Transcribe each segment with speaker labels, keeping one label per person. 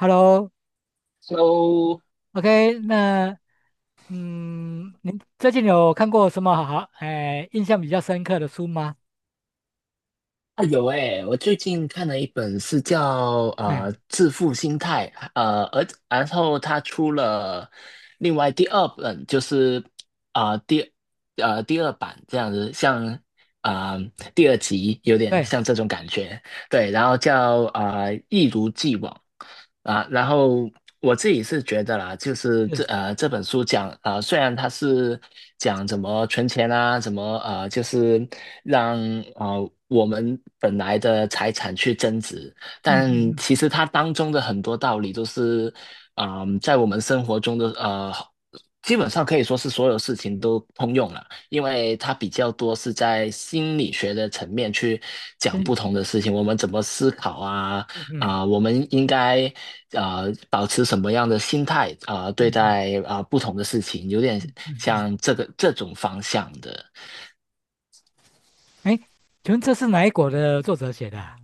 Speaker 1: Hello，OK，
Speaker 2: So
Speaker 1: 那您最近有看过什么好，哎，印象比较深刻的书吗？
Speaker 2: 啊有诶，我最近看了一本是叫
Speaker 1: 哎，
Speaker 2: 《致富心态》，而然后他出了另外第二本，就是啊、呃第第二版这样子，像第二集有点
Speaker 1: 对，
Speaker 2: 像
Speaker 1: 是，
Speaker 2: 这种感觉。对，然后叫一如既往。然后我自己是觉得啦，就是这本书讲虽然它是讲怎么存钱啊，怎么就是让啊我们本来的财产去增值，
Speaker 1: 嗯
Speaker 2: 但
Speaker 1: 嗯嗯，
Speaker 2: 其实它当中的很多道理都是在我们生活中的基本上可以说是所有事情都通用了。因为它比较多是在心理学的层面去讲
Speaker 1: 真
Speaker 2: 不
Speaker 1: 的
Speaker 2: 同的事情，我们怎么思考啊，
Speaker 1: 嗯嗯
Speaker 2: 我们应该啊、保持什么样的心态对
Speaker 1: 嗯嗯
Speaker 2: 待不同的事情，有点
Speaker 1: 嗯，嗯
Speaker 2: 像这个这种方向的。
Speaker 1: 哎，请问这是哪一国的作者写的啊？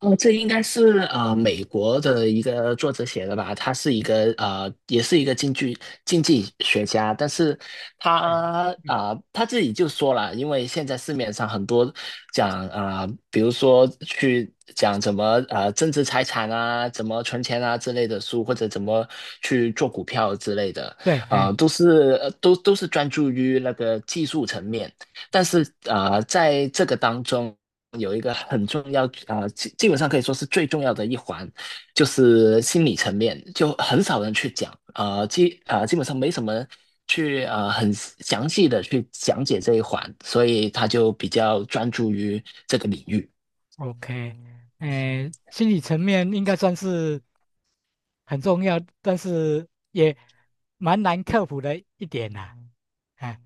Speaker 2: 哦，这应该是美国的一个作者写的吧？他是一个也是一个经济学家，但是他
Speaker 1: 对，
Speaker 2: 啊、
Speaker 1: 嗯，
Speaker 2: 呃他自己就说了，因为现在市面上很多讲比如说去讲怎么增值财产啊，怎么存钱啊之类的书，或者怎么去做股票之类的，
Speaker 1: 对，哎
Speaker 2: 都是专注于那个技术层面。但是在这个当中，有一个很重要，基本上可以说是最重要的一环，就是心理层面，就很少人去讲，基本上没什么去很详细的去讲解这一环，所以他就比较专注于这个领域。
Speaker 1: ，OK，哎，心理层面应该算是。很重要，但是也蛮难克服的一点呐、啊哎，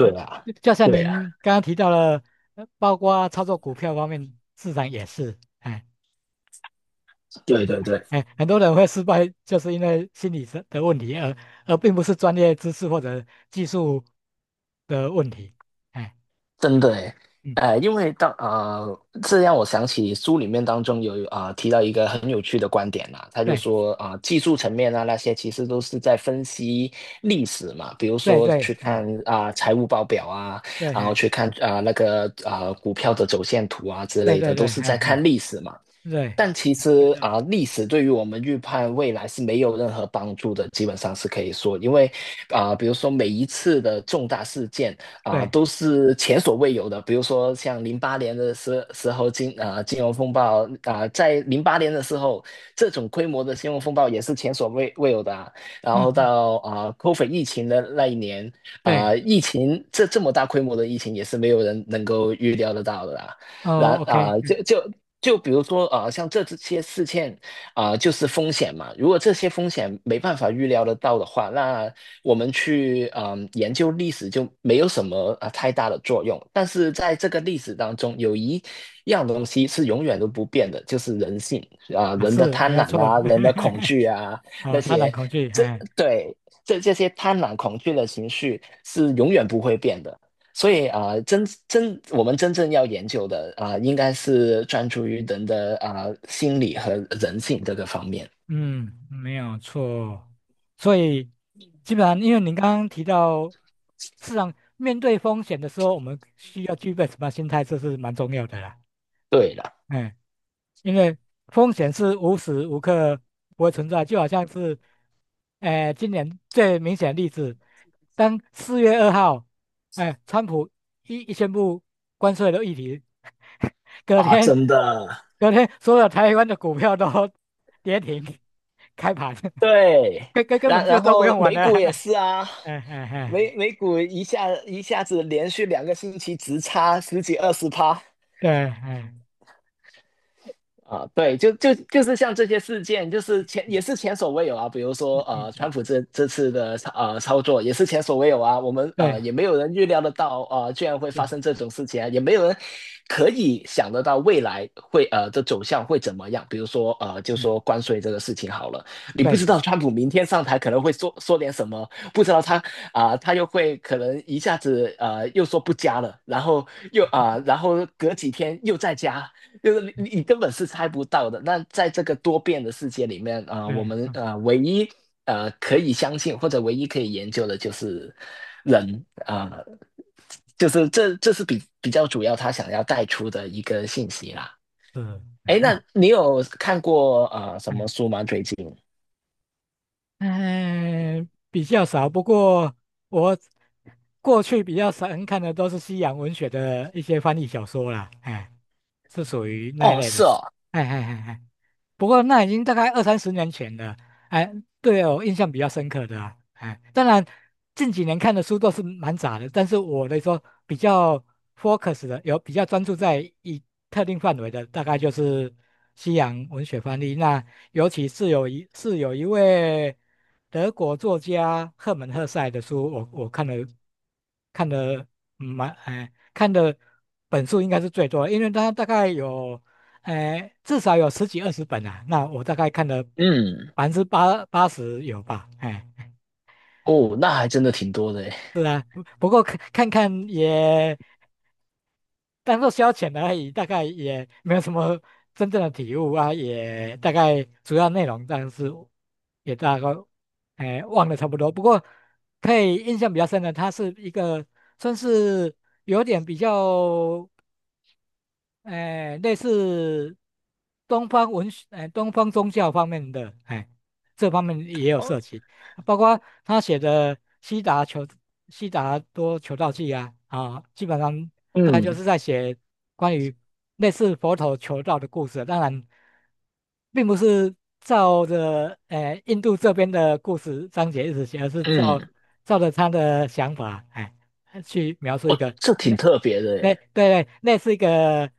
Speaker 1: 呃
Speaker 2: 啊，
Speaker 1: 就像
Speaker 2: 对啊，
Speaker 1: 您刚刚提到了，包括操作股票方面，市场也是，哎
Speaker 2: 对对对。
Speaker 1: 哎，很多人会失败，就是因为心理上的问题，而并不是专业知识或者技术的问题。哎，
Speaker 2: 真的诶，
Speaker 1: 嗯，
Speaker 2: 因为这让我想起书里面当中有提到一个很有趣的观点啦、他就
Speaker 1: 对
Speaker 2: 说技术层面啊那些其实都是在分析历史嘛，比如
Speaker 1: 对
Speaker 2: 说
Speaker 1: 对，
Speaker 2: 去看
Speaker 1: 哎
Speaker 2: 啊、财务报表啊，
Speaker 1: 对
Speaker 2: 然后
Speaker 1: 哎
Speaker 2: 去看那个股票的走线图啊之
Speaker 1: 对
Speaker 2: 类
Speaker 1: 对
Speaker 2: 的，都
Speaker 1: 对，
Speaker 2: 是
Speaker 1: 哎
Speaker 2: 在看
Speaker 1: 哎
Speaker 2: 历史嘛。
Speaker 1: 对
Speaker 2: 但其实
Speaker 1: 对
Speaker 2: 啊，历史对于我们预判未来是没有任何帮助的，基本上是可以说，因为啊，比如说每一次的重大事件啊，
Speaker 1: 对，
Speaker 2: 都是前所未有的。比如说像零八年的时候金融风暴啊，在零八年的时候，这种规模的金融风暴也是前所未有的啊。然后
Speaker 1: 嗯嗯
Speaker 2: 到COVID 疫情的那一年
Speaker 1: 对，
Speaker 2: 啊，疫情这么大规模的疫情也是没有人能够预料得到的啊。然
Speaker 1: 哦，OK，
Speaker 2: 啊、呃就就就比如说像这些事件就是风险嘛。如果这些风险没办法预料得到的话，那我们去研究历史就没有什么太大的作用。但是在这个历史当中，有一样东西是永远都不变的，就是人性
Speaker 1: 啊，
Speaker 2: 人的
Speaker 1: 是没
Speaker 2: 贪
Speaker 1: 有
Speaker 2: 婪
Speaker 1: 错，
Speaker 2: 啊，人的恐惧啊，那
Speaker 1: 啊，他人
Speaker 2: 些。
Speaker 1: 恐惧，
Speaker 2: 这
Speaker 1: 哎，
Speaker 2: 对这些贪婪恐惧的情绪是永远不会变的。所以啊、呃真真我们真正要研究的应该是专注于人的心理和人性这个方面。
Speaker 1: 嗯，没有错，所以基本上，因为您刚刚提到，市场面对风险的时候，我们需要具备什么样心态，这是蛮重要的啦，
Speaker 2: 对了，
Speaker 1: 哎因为风险是无时无刻不会存在，就好像是，今年最明显的例子，当4月2号，哎、川普宣布关税的议题，隔
Speaker 2: 啊，
Speaker 1: 天，
Speaker 2: 真的，
Speaker 1: 所有台湾的股票都 跌停，开盘，
Speaker 2: 对，
Speaker 1: 根本就
Speaker 2: 然
Speaker 1: 都不
Speaker 2: 后
Speaker 1: 用玩
Speaker 2: 美
Speaker 1: 了，
Speaker 2: 股也
Speaker 1: 哎
Speaker 2: 是啊，
Speaker 1: 哎哎，
Speaker 2: 美股一下子连续两个星期直插十几二十趴，
Speaker 1: 对，哎，
Speaker 2: 啊，对，就是像这些事件，就是也是前所未有啊。比如说，
Speaker 1: 嗯嗯，
Speaker 2: 川普这次的操作也是前所未有啊。我们
Speaker 1: 对，
Speaker 2: 也没有人预料得到，居然会发
Speaker 1: 是，
Speaker 2: 生这种事情啊，也没有人可以想得到未来的走向会怎么样。比如说，就
Speaker 1: 嗯，
Speaker 2: 说关税这个事情好了，你不
Speaker 1: 对，
Speaker 2: 知道川普明天上台可能会说点什么，不知道他他又会可能一下子又说不加了，然后又隔几天又再加，就是你根本是猜不到的。那在这个多变的世界里面，啊，我
Speaker 1: 对，
Speaker 2: 们
Speaker 1: 嗯，
Speaker 2: 唯一可以相信或者唯一可以研究的就是人。就是这是比较主要他想要带出的一个信息啦。
Speaker 1: 是。
Speaker 2: 哎，那你有看过什么书吗？最近？
Speaker 1: 哎，比较少，不过我过去比较少看的都是西洋文学的一些翻译小说啦，哎，是属于那一
Speaker 2: 哦，
Speaker 1: 类的。
Speaker 2: 是哦，
Speaker 1: 哎哎哎哎不过那已经大概二三十年前了，哎，对我印象比较深刻的啊，哎，当然近几年看的书都是蛮杂的，但是我来说比较 focus 的，有比较专注在一特定范围的，大概就是西洋文学翻译。那尤其是有一位德国作家赫门赫塞的书，我看了蛮哎看的本数应该是最多的，因为他大概有。哎，至少有十几二十本啊，那我大概看了
Speaker 2: 嗯，
Speaker 1: 百分之八十有吧，哎，
Speaker 2: 哦，那还真的挺多的诶。
Speaker 1: 是啊，不过看看也当做消遣而已，大概也没有什么真正的体悟啊，也大概主要内容，但是也大概哎忘了差不多。不过可以印象比较深的，它是一个算是有点比较。哎，类似东方文学，哎，东方宗教方面的，哎，这方面也有
Speaker 2: 哦，
Speaker 1: 涉及，包括他写的《悉达求悉达多求道记》啊，啊，基本上大概就
Speaker 2: 嗯
Speaker 1: 是在写关于类似佛陀求道的故事，当然，并不是照着哎印度这边的故事章节一直写，而是照
Speaker 2: 嗯，
Speaker 1: 照着他的想法，哎，去描述
Speaker 2: 哦，
Speaker 1: 一个
Speaker 2: 这挺
Speaker 1: 那
Speaker 2: 特别的
Speaker 1: 那
Speaker 2: 诶。
Speaker 1: 对对，那是一个，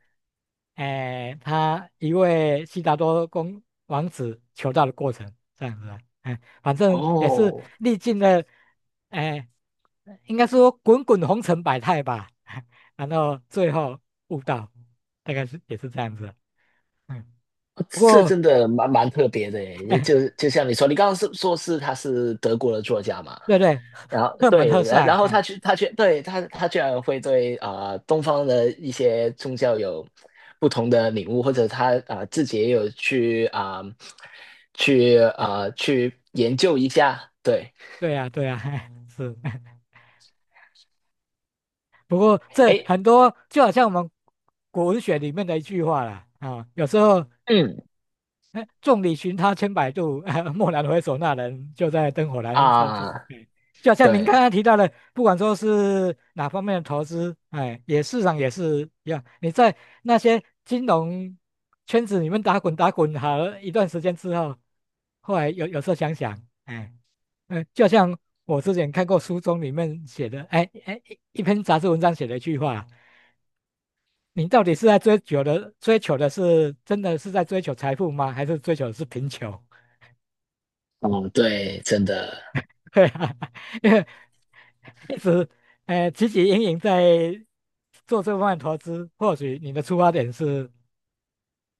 Speaker 1: 哎、他一位悉达多公王子求道的过程，这样子啊，哎、反正也是
Speaker 2: 哦，
Speaker 1: 历尽了，哎、应该说滚滚红尘百态吧，然后最后悟道，大概是也是这样子的嗯，不
Speaker 2: 这
Speaker 1: 过
Speaker 2: 真的蛮特别的耶，就像你说，你刚刚是说是他是德国的作家嘛，
Speaker 1: 对对，
Speaker 2: 然后
Speaker 1: 赫门
Speaker 2: 对，
Speaker 1: 赫帅，
Speaker 2: 然后
Speaker 1: 哎、
Speaker 2: 他居然会对东方的一些宗教有不同的领悟，或者他自己也有去去研究一下，对，
Speaker 1: 对呀、对呀、哎是。不过这
Speaker 2: 哎，
Speaker 1: 很多就好像我们古文学里面的一句话啦，啊、有时候
Speaker 2: 嗯
Speaker 1: 哎，众里寻他千百度，蓦然回首，那人就在灯火阑珊处。
Speaker 2: 啊、
Speaker 1: 哎，就好像您刚
Speaker 2: 对，
Speaker 1: 刚提到的，不管说是哪方面的投资，哎，也市场也是一样。你在那些金融圈子里面打滚打滚好了一段时间之后，后来有时候想想，哎，嗯，就像我之前看过书中里面写的，哎哎，一篇杂志文章写了一句话。你到底是在追求的，追求的是真的是在追求财富吗？还是追求的是贫穷？
Speaker 2: 哦对，真的，
Speaker 1: 对啊，因为一直汲汲营营在做这方面投资，或许你的出发点是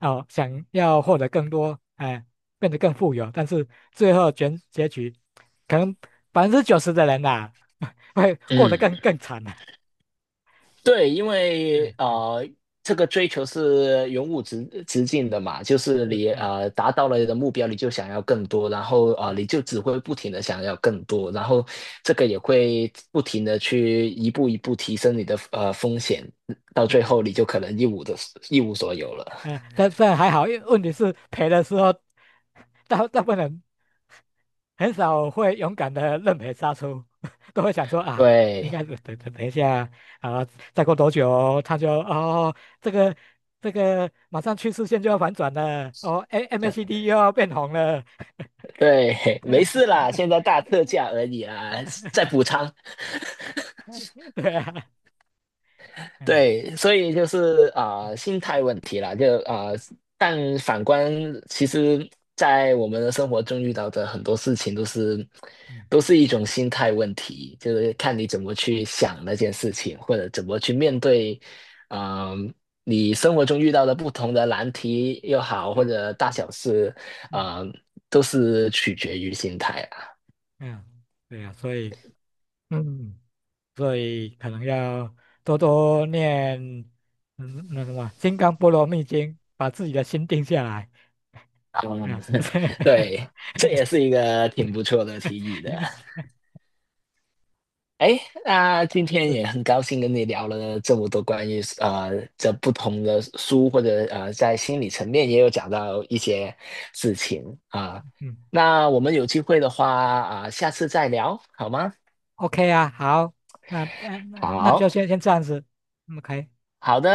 Speaker 1: 哦想要获得更多，哎、变得更富有，但是最后结局，可能90%的人呐、会过得更
Speaker 2: 嗯。
Speaker 1: 更惨了、
Speaker 2: 对，因为
Speaker 1: 嗯嗯，
Speaker 2: 这个追求是永无止境的嘛，就是
Speaker 1: 是，
Speaker 2: 你
Speaker 1: 嗯
Speaker 2: 达到了你的目标，你就想要更多，然后你就只会不停的想要更多，然后这个也会不停的去一步一步提升你的风险，到最
Speaker 1: 对，
Speaker 2: 后你就可能一无所有了。
Speaker 1: 嗯，但这还好，因为问题是赔的时候，大部分人很少会勇敢的认赔杀出，都会想说啊，应
Speaker 2: 对，
Speaker 1: 该是等一下啊，再过多久他就哦，这个这个马上趋势线就要反转了，哦，A MACD 又要变红了，
Speaker 2: 对，没事啦，现在大特价而已啦，再补仓。
Speaker 1: 对啊，嗯
Speaker 2: 对，所以就是
Speaker 1: 嗯
Speaker 2: 心态问题啦，就但反观，其实，在我们的生活中遇到的很多事情，都是
Speaker 1: 嗯，
Speaker 2: 一种心态问题，就是看你怎么去想那件事情，或者怎么去面对，啊、你生活中遇到的不同的难题又好，或
Speaker 1: 对，
Speaker 2: 者大
Speaker 1: 嗯
Speaker 2: 小事，
Speaker 1: 嗯
Speaker 2: 啊、都是取决于心态啊。
Speaker 1: 嗯，对啊，嗯，所以可能要多多念那什么《金刚波罗蜜经》，把自己的心定下来，
Speaker 2: 嗯
Speaker 1: 嗯。
Speaker 2: 对，这也
Speaker 1: 这样
Speaker 2: 是一个挺不错的提议的。哎，那今天也很高兴跟你聊了这么多关于这不同的书，或者在心理层面也有讲到一些事情啊、
Speaker 1: 嗯
Speaker 2: 那我们有机会的话下次再聊好吗？
Speaker 1: ，OK 啊，好，那就
Speaker 2: 好，
Speaker 1: 先这样子OK。
Speaker 2: 好的。